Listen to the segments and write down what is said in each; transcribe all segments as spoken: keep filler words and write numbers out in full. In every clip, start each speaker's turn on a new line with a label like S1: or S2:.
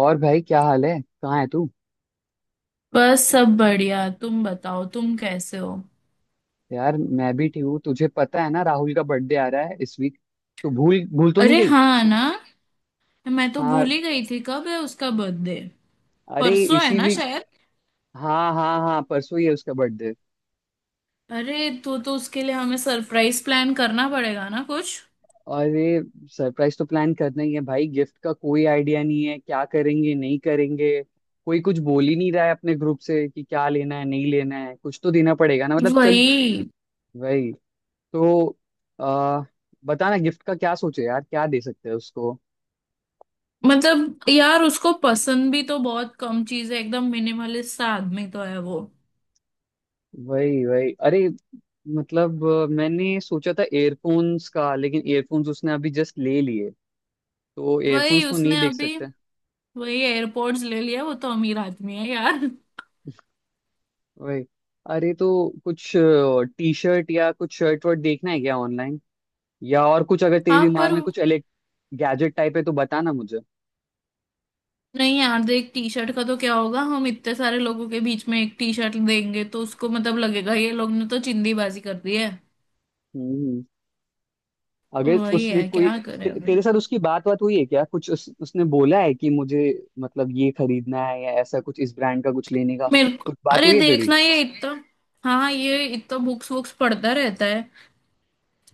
S1: और भाई, क्या हाल है। कहाँ है तू।
S2: बस सब बढ़िया। तुम बताओ, तुम कैसे हो?
S1: यार, मैं भी ठीक हूँ। तुझे पता है ना, राहुल का बर्थडे आ रहा है इस वीक। तू भूल भूल तो नहीं
S2: अरे
S1: गई।
S2: हाँ ना। मैं तो
S1: हाँ,
S2: भूल ही गई थी, कब है उसका बर्थडे?
S1: अरे
S2: परसों है
S1: इसी
S2: ना
S1: वीक।
S2: शायद।
S1: हाँ हाँ हाँ, परसों ही है उसका बर्थडे।
S2: अरे तो तो उसके लिए हमें सरप्राइज प्लान करना पड़ेगा ना कुछ।
S1: अरे, सरप्राइज तो प्लान करना ही है भाई। गिफ्ट का कोई आइडिया नहीं है, क्या करेंगे नहीं करेंगे। कोई कुछ बोल ही नहीं रहा है अपने ग्रुप से कि क्या लेना है नहीं लेना है। कुछ तो देना पड़ेगा ना, मतलब। चल।
S2: वही।
S1: वही। तो आ, बताना, गिफ्ट का क्या सोचे यार, क्या दे सकते हैं उसको।
S2: मतलब यार, उसको पसंद भी तो बहुत कम चीज है। एकदम मिनिमलिस्ट सा आदमी तो है वो।
S1: वही वही। अरे, मतलब अ, मैंने सोचा था एयरफोन्स का, लेकिन एयरफोन्स उसने अभी जस्ट ले लिए। तो
S2: वही
S1: एयरफोन्स तो नहीं
S2: उसने
S1: देख
S2: अभी
S1: सकते।
S2: वही एयरपोर्ट्स ले लिया। वो तो अमीर आदमी है यार।
S1: वही। अरे, तो कुछ टी शर्ट या कुछ शर्ट वर्ट देखना है क्या ऑनलाइन, या और कुछ अगर तेरे
S2: हाँ पर
S1: दिमाग में कुछ इलेक्ट गैजेट टाइप है तो बताना मुझे।
S2: नहीं यार, देख, टी शर्ट का तो क्या होगा? हम इतने सारे लोगों के बीच में एक टी शर्ट देंगे तो उसको मतलब लगेगा ये लोग ने तो चिंदीबाजी कर दी है।
S1: हम्म।
S2: तो
S1: अगर
S2: वही
S1: उसने
S2: है,
S1: कोई,
S2: क्या करें
S1: ते,
S2: अभी।
S1: तेरे साथ उसकी बात बात हुई है क्या, कुछ उस, उसने बोला है कि मुझे मतलब ये खरीदना है या ऐसा कुछ इस ब्रांड का कुछ लेने का,
S2: मेरे को
S1: कुछ बात
S2: अरे
S1: हुई है तेरी।
S2: देखना ये इतना, हाँ ये इतना बुक्स वुक्स पढ़ता रहता है।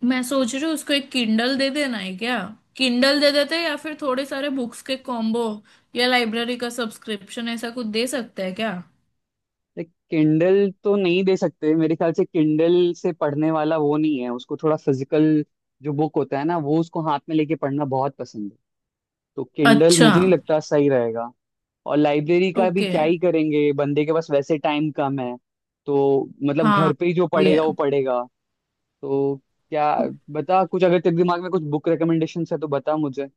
S2: मैं सोच रही हूँ उसको एक किंडल दे देना है क्या। किंडल दे देते हैं, या फिर थोड़े सारे बुक्स के कॉम्बो, या लाइब्रेरी का सब्सक्रिप्शन, ऐसा कुछ दे सकता है क्या?
S1: किंडल तो नहीं दे सकते मेरे ख्याल से, किंडल से पढ़ने वाला वो नहीं है। उसको थोड़ा फिजिकल जो बुक होता है ना, वो उसको हाथ में लेके पढ़ना बहुत पसंद है। तो किंडल
S2: अच्छा।
S1: मुझे नहीं लगता सही रहेगा। और लाइब्रेरी का भी
S2: ओके।
S1: क्या ही करेंगे, बंदे के पास वैसे टाइम कम है। तो मतलब
S2: हाँ
S1: घर पे ही जो
S2: भी है।
S1: पढ़ेगा वो पढ़ेगा। तो क्या बता, कुछ अगर तेरे दिमाग में कुछ बुक रिकमेंडेशन है तो बता मुझे।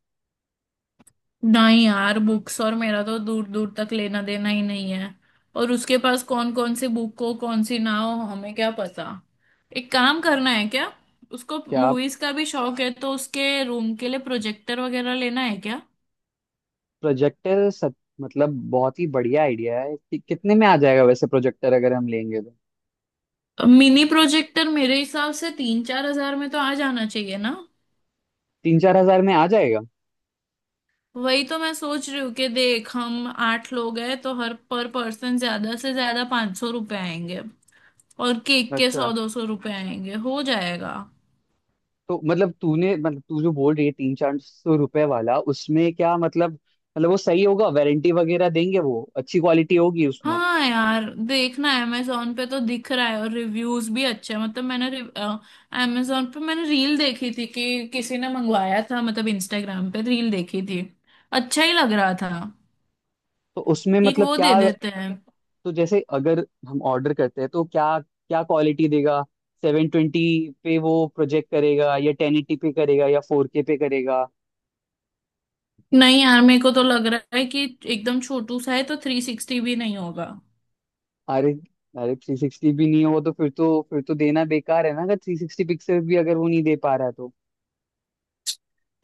S2: नहीं यार, बुक्स और मेरा तो दूर दूर तक लेना देना ही नहीं है। और उसके पास कौन कौन सी बुक हो कौन सी ना हो हमें क्या पता। एक काम करना है क्या। उसको
S1: क्या,
S2: मूवीज का भी शौक है, तो उसके रूम के लिए प्रोजेक्टर वगैरह लेना है क्या?
S1: प्रोजेक्टर। सब मतलब बहुत ही बढ़िया आइडिया है, कि कितने में आ जाएगा वैसे प्रोजेक्टर अगर हम लेंगे तो।
S2: मिनी प्रोजेक्टर मेरे हिसाब से तीन चार हज़ार में तो आ जाना चाहिए ना।
S1: तीन चार हजार में आ जाएगा?
S2: वही तो मैं सोच रही हूँ कि देख, हम आठ लोग हैं तो हर पर पर्सन ज्यादा से ज्यादा पाँच सौ रुपये आएंगे। और केक के सौ
S1: अच्छा।
S2: दो सौ रुपये आएंगे हो जाएगा।
S1: तो मतलब तूने मतलब तू जो बोल रही है तीन चार सौ रुपए वाला, उसमें क्या मतलब, मतलब वो सही होगा, वारंटी वगैरह देंगे, वो अच्छी क्वालिटी होगी उसमें?
S2: हाँ यार, देखना है, अमेजोन पे तो दिख रहा है और रिव्यूज भी अच्छे हैं। मतलब मैंने अमेजोन पे मैंने रील देखी थी कि किसी ने मंगवाया था। मतलब इंस्टाग्राम पे रील देखी थी। अच्छा ही लग रहा था।
S1: तो उसमें
S2: एक
S1: मतलब
S2: वो
S1: क्या,
S2: दे देते हैं।
S1: तो जैसे अगर हम ऑर्डर करते हैं तो क्या क्या क्वालिटी देगा, सेवन ट्वेंटी पे वो प्रोजेक्ट करेगा या टेन एटी पे करेगा या फोर के पे करेगा।
S2: नहीं यार, मेरे को तो लग रहा है कि एकदम छोटू सा है तो थ्री सिक्सटी भी नहीं होगा।
S1: अरे, अरे थ्री सिक्सटी भी नहीं हो तो फिर तो फिर तो देना बेकार है ना, अगर थ्री सिक्सटी पिक्सल भी अगर वो नहीं दे पा रहा है तो।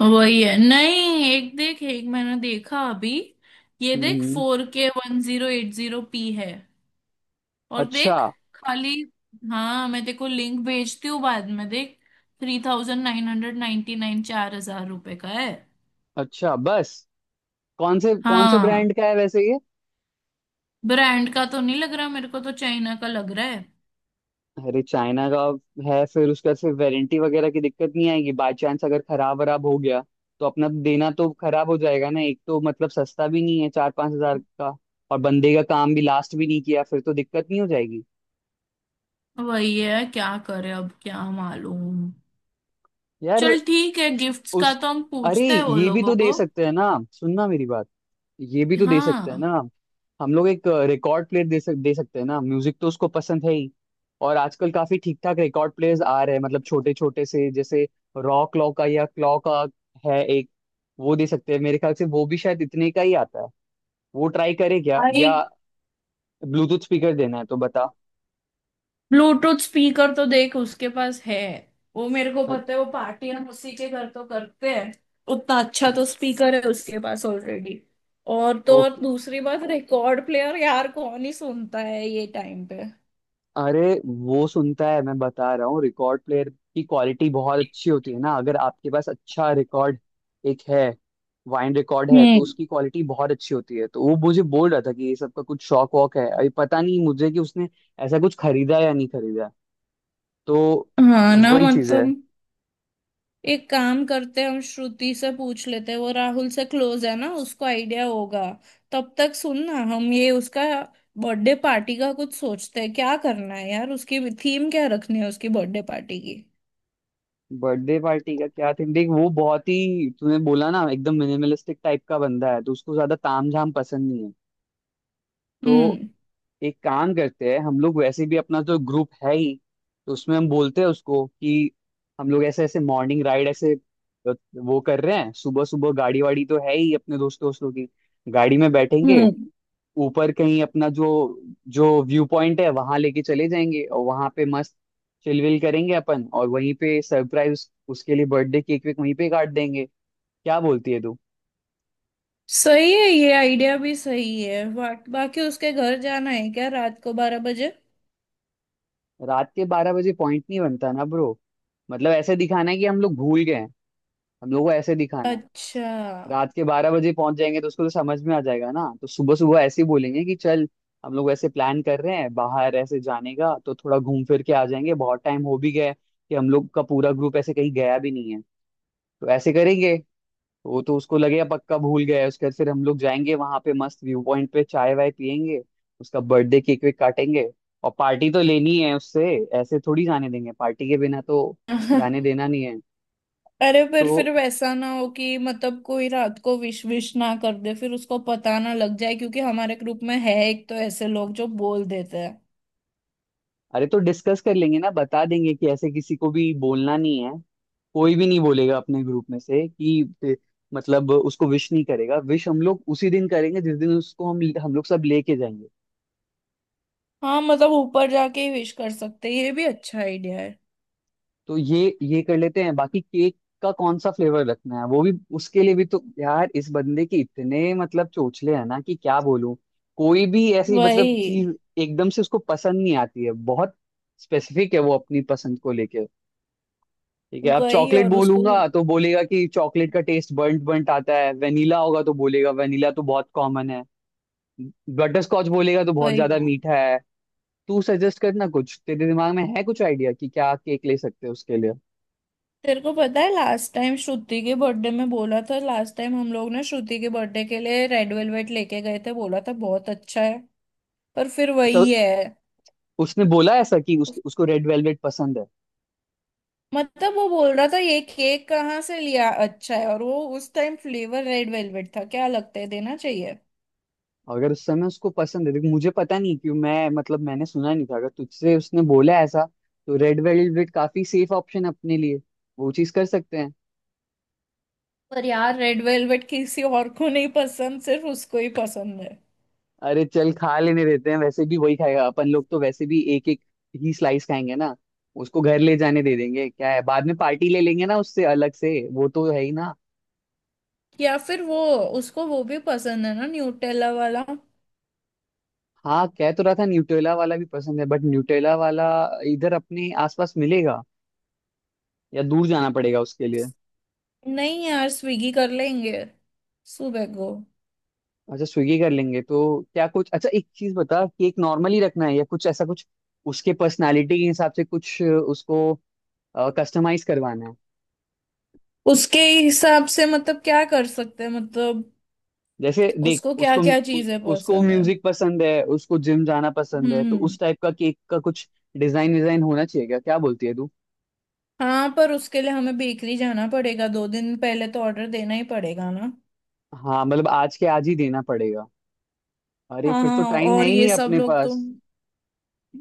S2: वही है, नहीं एक देख, एक मैंने देखा अभी। ये देख,
S1: हम्म।
S2: Four K one zero eight zero P है। और
S1: अच्छा।
S2: देख खाली। हाँ मैं तेको लिंक भेजती हूँ, बाद में देख। Three thousand nine hundred ninety nine, चार हज़ार रुपये का है।
S1: अच्छा, बस? कौन से कौन से
S2: हाँ
S1: ब्रांड का है वैसे ये?
S2: ब्रांड का तो नहीं लग रहा, मेरे को तो चाइना का लग रहा है।
S1: अरे, चाइना का है फिर, उसका से वारंटी वगैरह की दिक्कत नहीं आएगी? बाई चांस अगर खराब वराब हो गया तो अपना देना तो खराब हो जाएगा ना। एक तो मतलब सस्ता भी नहीं है, चार पांच हजार का। और बंदे का काम भी लास्ट भी नहीं किया, फिर तो दिक्कत नहीं हो जाएगी
S2: वही है, क्या करे अब, क्या मालूम।
S1: यार।
S2: चल ठीक है, गिफ्ट्स का
S1: उस
S2: तो हम
S1: अरे,
S2: पूछते हैं वो
S1: ये भी
S2: लोगों
S1: तो दे
S2: को।
S1: सकते हैं ना, सुनना मेरी बात, ये भी तो दे सकते हैं
S2: हाँ
S1: ना हम। हम लोग एक रिकॉर्ड प्लेयर दे सक दे सकते हैं ना, म्यूजिक तो उसको पसंद है ही। और आजकल काफी ठीक ठाक रिकॉर्ड प्लेयर्स आ रहे हैं, मतलब छोटे छोटे से। जैसे रॉ क्लॉ का या क्लॉ का है एक, वो दे सकते हैं मेरे ख्याल से। वो भी शायद इतने का ही आता है। वो ट्राई करे क्या,
S2: भाई।
S1: या ब्लूटूथ स्पीकर देना है तो बता।
S2: ब्लूटूथ स्पीकर तो देख उसके पास है। वो मेरे को पता
S1: अच्छा।
S2: है, वो पार्टी हम उसी के घर तो करते हैं। उतना अच्छा तो स्पीकर है उसके पास ऑलरेडी। और तो और
S1: ओके।
S2: दूसरी बात, रिकॉर्ड प्लेयर यार कौन ही सुनता है ये टाइम पे।
S1: अरे, वो सुनता है, मैं बता रहा हूँ। रिकॉर्ड प्लेयर की क्वालिटी बहुत अच्छी होती है ना, अगर आपके पास अच्छा रिकॉर्ड एक है, वाइन रिकॉर्ड है, तो
S2: हम्म।
S1: उसकी क्वालिटी बहुत अच्छी होती है। तो वो मुझे बोल रहा था कि ये सब का कुछ शौक वॉक है, अभी पता नहीं मुझे कि उसने ऐसा कुछ खरीदा या नहीं खरीदा। तो
S2: हाँ ना
S1: वही चीज है।
S2: मतलब एक काम करते हैं, हम श्रुति से पूछ लेते हैं। वो राहुल से क्लोज है ना, उसको आइडिया होगा। तब तक सुन ना, हम ये उसका बर्थडे पार्टी का कुछ सोचते हैं क्या करना है। यार उसकी थीम क्या रखनी है उसकी बर्थडे पार्टी की।
S1: बर्थडे पार्टी का क्या थीम, देख वो बहुत ही, तूने बोला ना एकदम मिनिमलिस्टिक टाइप का बंदा है, तो उसको ज्यादा तामझाम पसंद नहीं है। तो
S2: हम्म।
S1: एक काम करते हैं, हम लोग वैसे भी अपना जो ग्रुप है ही, तो उसमें हम बोलते हैं उसको कि हम लोग ऐसे ऐसे मॉर्निंग राइड ऐसे अ, वो कर रहे हैं। सुबह सुबह गाड़ी वाड़ी तो है ही अपने दोस्त दोस्तों की, गाड़ी में बैठेंगे,
S2: हम्म।
S1: ऊपर कहीं अपना जो जो व्यू पॉइंट है वहां लेके चले जाएंगे, और वहां पे मस्त चिलविल करेंगे अपन, और वहीं पे सरप्राइज उसके लिए बर्थडे केक वेक वहीं पे काट देंगे। क्या बोलती है तू।
S2: सही है, ये आइडिया भी सही है। बा, बाकी उसके घर जाना है क्या रात को बारह बजे?
S1: रात के बारह बजे पॉइंट नहीं बनता ना ब्रो। मतलब ऐसे दिखाना है कि हम लोग भूल गए हैं, हम लोग को ऐसे दिखाना है।
S2: अच्छा।
S1: रात के बारह बजे पहुंच जाएंगे तो उसको तो समझ में आ जाएगा ना, तो सुबह सुबह ऐसे ही बोलेंगे कि चल हम लोग ऐसे प्लान कर रहे हैं बाहर ऐसे जाने का, तो थोड़ा घूम फिर के आ जाएंगे, बहुत टाइम हो भी गया है कि हम लोग का पूरा ग्रुप ऐसे कहीं गया भी नहीं है, तो ऐसे करेंगे। तो वो तो उसको लगेगा पक्का भूल गया है। उसके बाद फिर हम लोग जाएंगे वहां पे मस्त व्यू पॉइंट पे, चाय वाय पियेंगे, उसका बर्थडे केक वेक काटेंगे। और पार्टी तो लेनी है उससे, ऐसे थोड़ी जाने देंगे पार्टी के बिना तो। जाने देना नहीं है।
S2: अरे
S1: तो
S2: फिर फिर वैसा ना हो कि मतलब कोई रात को विश विश ना कर दे, फिर उसको पता ना लग जाए। क्योंकि हमारे ग्रुप में है एक तो ऐसे लोग जो बोल देते हैं।
S1: अरे, तो डिस्कस कर लेंगे ना, बता देंगे कि ऐसे किसी को भी बोलना नहीं है। कोई भी नहीं बोलेगा अपने ग्रुप में से कि ते- मतलब उसको विश नहीं करेगा। विश हम लोग उसी दिन करेंगे जिस दिन उसको हम हम लोग सब लेके जाएंगे।
S2: हाँ मतलब ऊपर जाके ही विश कर सकते हैं, ये भी अच्छा आइडिया है।
S1: तो ये ये कर लेते हैं। बाकी केक का कौन सा फ्लेवर रखना है वो भी उसके लिए भी तो यार, इस बंदे के इतने मतलब चोचले हैं ना कि क्या बोलूं। कोई भी ऐसी मतलब चीज
S2: वही
S1: एकदम से उसको पसंद नहीं आती है। बहुत स्पेसिफिक है वो अपनी पसंद को लेके। ठीक है, अब
S2: वही
S1: चॉकलेट
S2: और उसको
S1: बोलूंगा तो बोलेगा कि चॉकलेट का टेस्ट बर्nt बर्nt आता है, वेनिला होगा तो बोलेगा वेनिला तो बहुत कॉमन है, बटर स्कॉच बोलेगा तो बहुत
S2: वही।
S1: ज्यादा मीठा है। तू सजेस्ट करना कुछ, तेरे दिमाग में है कुछ आइडिया कि क्या केक ले सकते हैं उसके लिए।
S2: तेरे को पता है लास्ट टाइम श्रुति के बर्थडे में बोला था, लास्ट टाइम हम लोग ना श्रुति के बर्थडे के लिए रेड वेलवेट लेके गए थे, बोला था बहुत अच्छा है। पर फिर
S1: तो
S2: वही है,
S1: उसने बोला ऐसा कि उस, उसको रेड वेलवेट पसंद है?
S2: मतलब वो बोल रहा था ये केक कहाँ से लिया, अच्छा है। और वो उस टाइम फ्लेवर रेड वेलवेट था, क्या लगता है देना चाहिए?
S1: अगर उस समय उसको पसंद है, देख मुझे पता नहीं क्यों, मैं मतलब मैंने सुना नहीं था। अगर तुझसे उसने बोला ऐसा, तो रेड वेलवेट काफी सेफ ऑप्शन है अपने लिए, वो चीज कर सकते हैं।
S2: पर यार रेड वेलवेट किसी और को नहीं पसंद, सिर्फ उसको ही पसंद है।
S1: अरे चल, खा लेने देते हैं, वैसे भी वही खाएगा, अपन लोग तो वैसे भी एक एक ही स्लाइस खाएंगे ना, उसको घर ले जाने दे देंगे, क्या है, बाद में पार्टी ले लेंगे ना उससे अलग से, वो तो है ही ना।
S2: या फिर वो, उसको वो भी पसंद है ना, न्यूटेला वाला।
S1: हाँ, कह तो रहा था न्यूटेला वाला भी पसंद है, बट न्यूटेला वाला इधर अपने आसपास मिलेगा या दूर जाना पड़ेगा उसके लिए।
S2: नहीं यार, स्विगी कर लेंगे सुबह को।
S1: अच्छा, स्विगी कर लेंगे तो क्या, कुछ अच्छा एक चीज बता, केक नॉर्मली रखना है या कुछ ऐसा कुछ उसके पर्सनालिटी के हिसाब से कुछ उसको कस्टमाइज करवाना है?
S2: उसके हिसाब से मतलब क्या कर सकते हैं, मतलब
S1: जैसे देख
S2: उसको क्या
S1: उसको,
S2: क्या
S1: उ-
S2: चीजें
S1: उसको
S2: पसंद है।
S1: म्यूजिक पसंद है, उसको जिम जाना पसंद है, तो
S2: हम्म।
S1: उस टाइप का केक का कुछ डिजाइन डिजाइन होना चाहिए, क्या क्या बोलती है तू।
S2: हाँ पर उसके लिए हमें बेकरी जाना पड़ेगा, दो दिन पहले तो ऑर्डर देना ही पड़ेगा ना।
S1: हाँ मतलब आज के आज ही देना पड़ेगा। अरे
S2: हाँ
S1: फिर तो
S2: हाँ,
S1: टाइम है
S2: और
S1: ही
S2: ये
S1: नहीं
S2: सब
S1: अपने
S2: लोग तो,
S1: पास।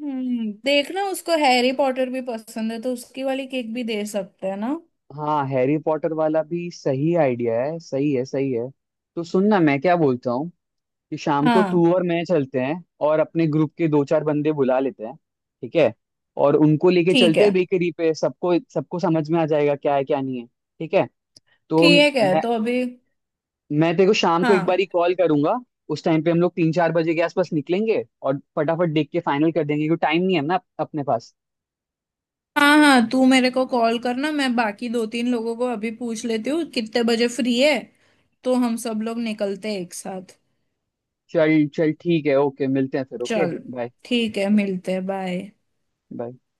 S2: हम्म देखना उसको हैरी पॉटर भी पसंद है, तो उसकी वाली केक भी दे सकते हैं ना।
S1: हाँ, हैरी पॉटर वाला भी सही आइडिया है, सही है, सही है। तो सुनना, मैं क्या बोलता हूँ, कि शाम को
S2: हाँ
S1: तू और मैं चलते हैं और अपने ग्रुप के दो चार बंदे बुला लेते हैं। ठीक है। और उनको लेके
S2: ठीक
S1: चलते
S2: है।
S1: हैं बेकरी पे, सबको सबको समझ में आ जाएगा क्या है क्या नहीं है। ठीक है। तो
S2: ठीक है
S1: मैं
S2: तो अभी,
S1: मैं तेरे को शाम को एक बार
S2: हाँ
S1: ही कॉल करूंगा। उस टाइम पे हम लोग तीन चार बजे के आसपास निकलेंगे और फटाफट देख के फाइनल कर देंगे क्योंकि टाइम नहीं है ना अप- अपने पास।
S2: हाँ हाँ, तू मेरे को कॉल करना, मैं बाकी दो तीन लोगों को अभी पूछ लेती हूँ कितने बजे फ्री है। तो हम सब लोग निकलते हैं एक साथ।
S1: चल चल, ठीक है, ओके मिलते हैं फिर, ओके
S2: चल
S1: बाय
S2: ठीक है, मिलते हैं, बाय।
S1: बाय।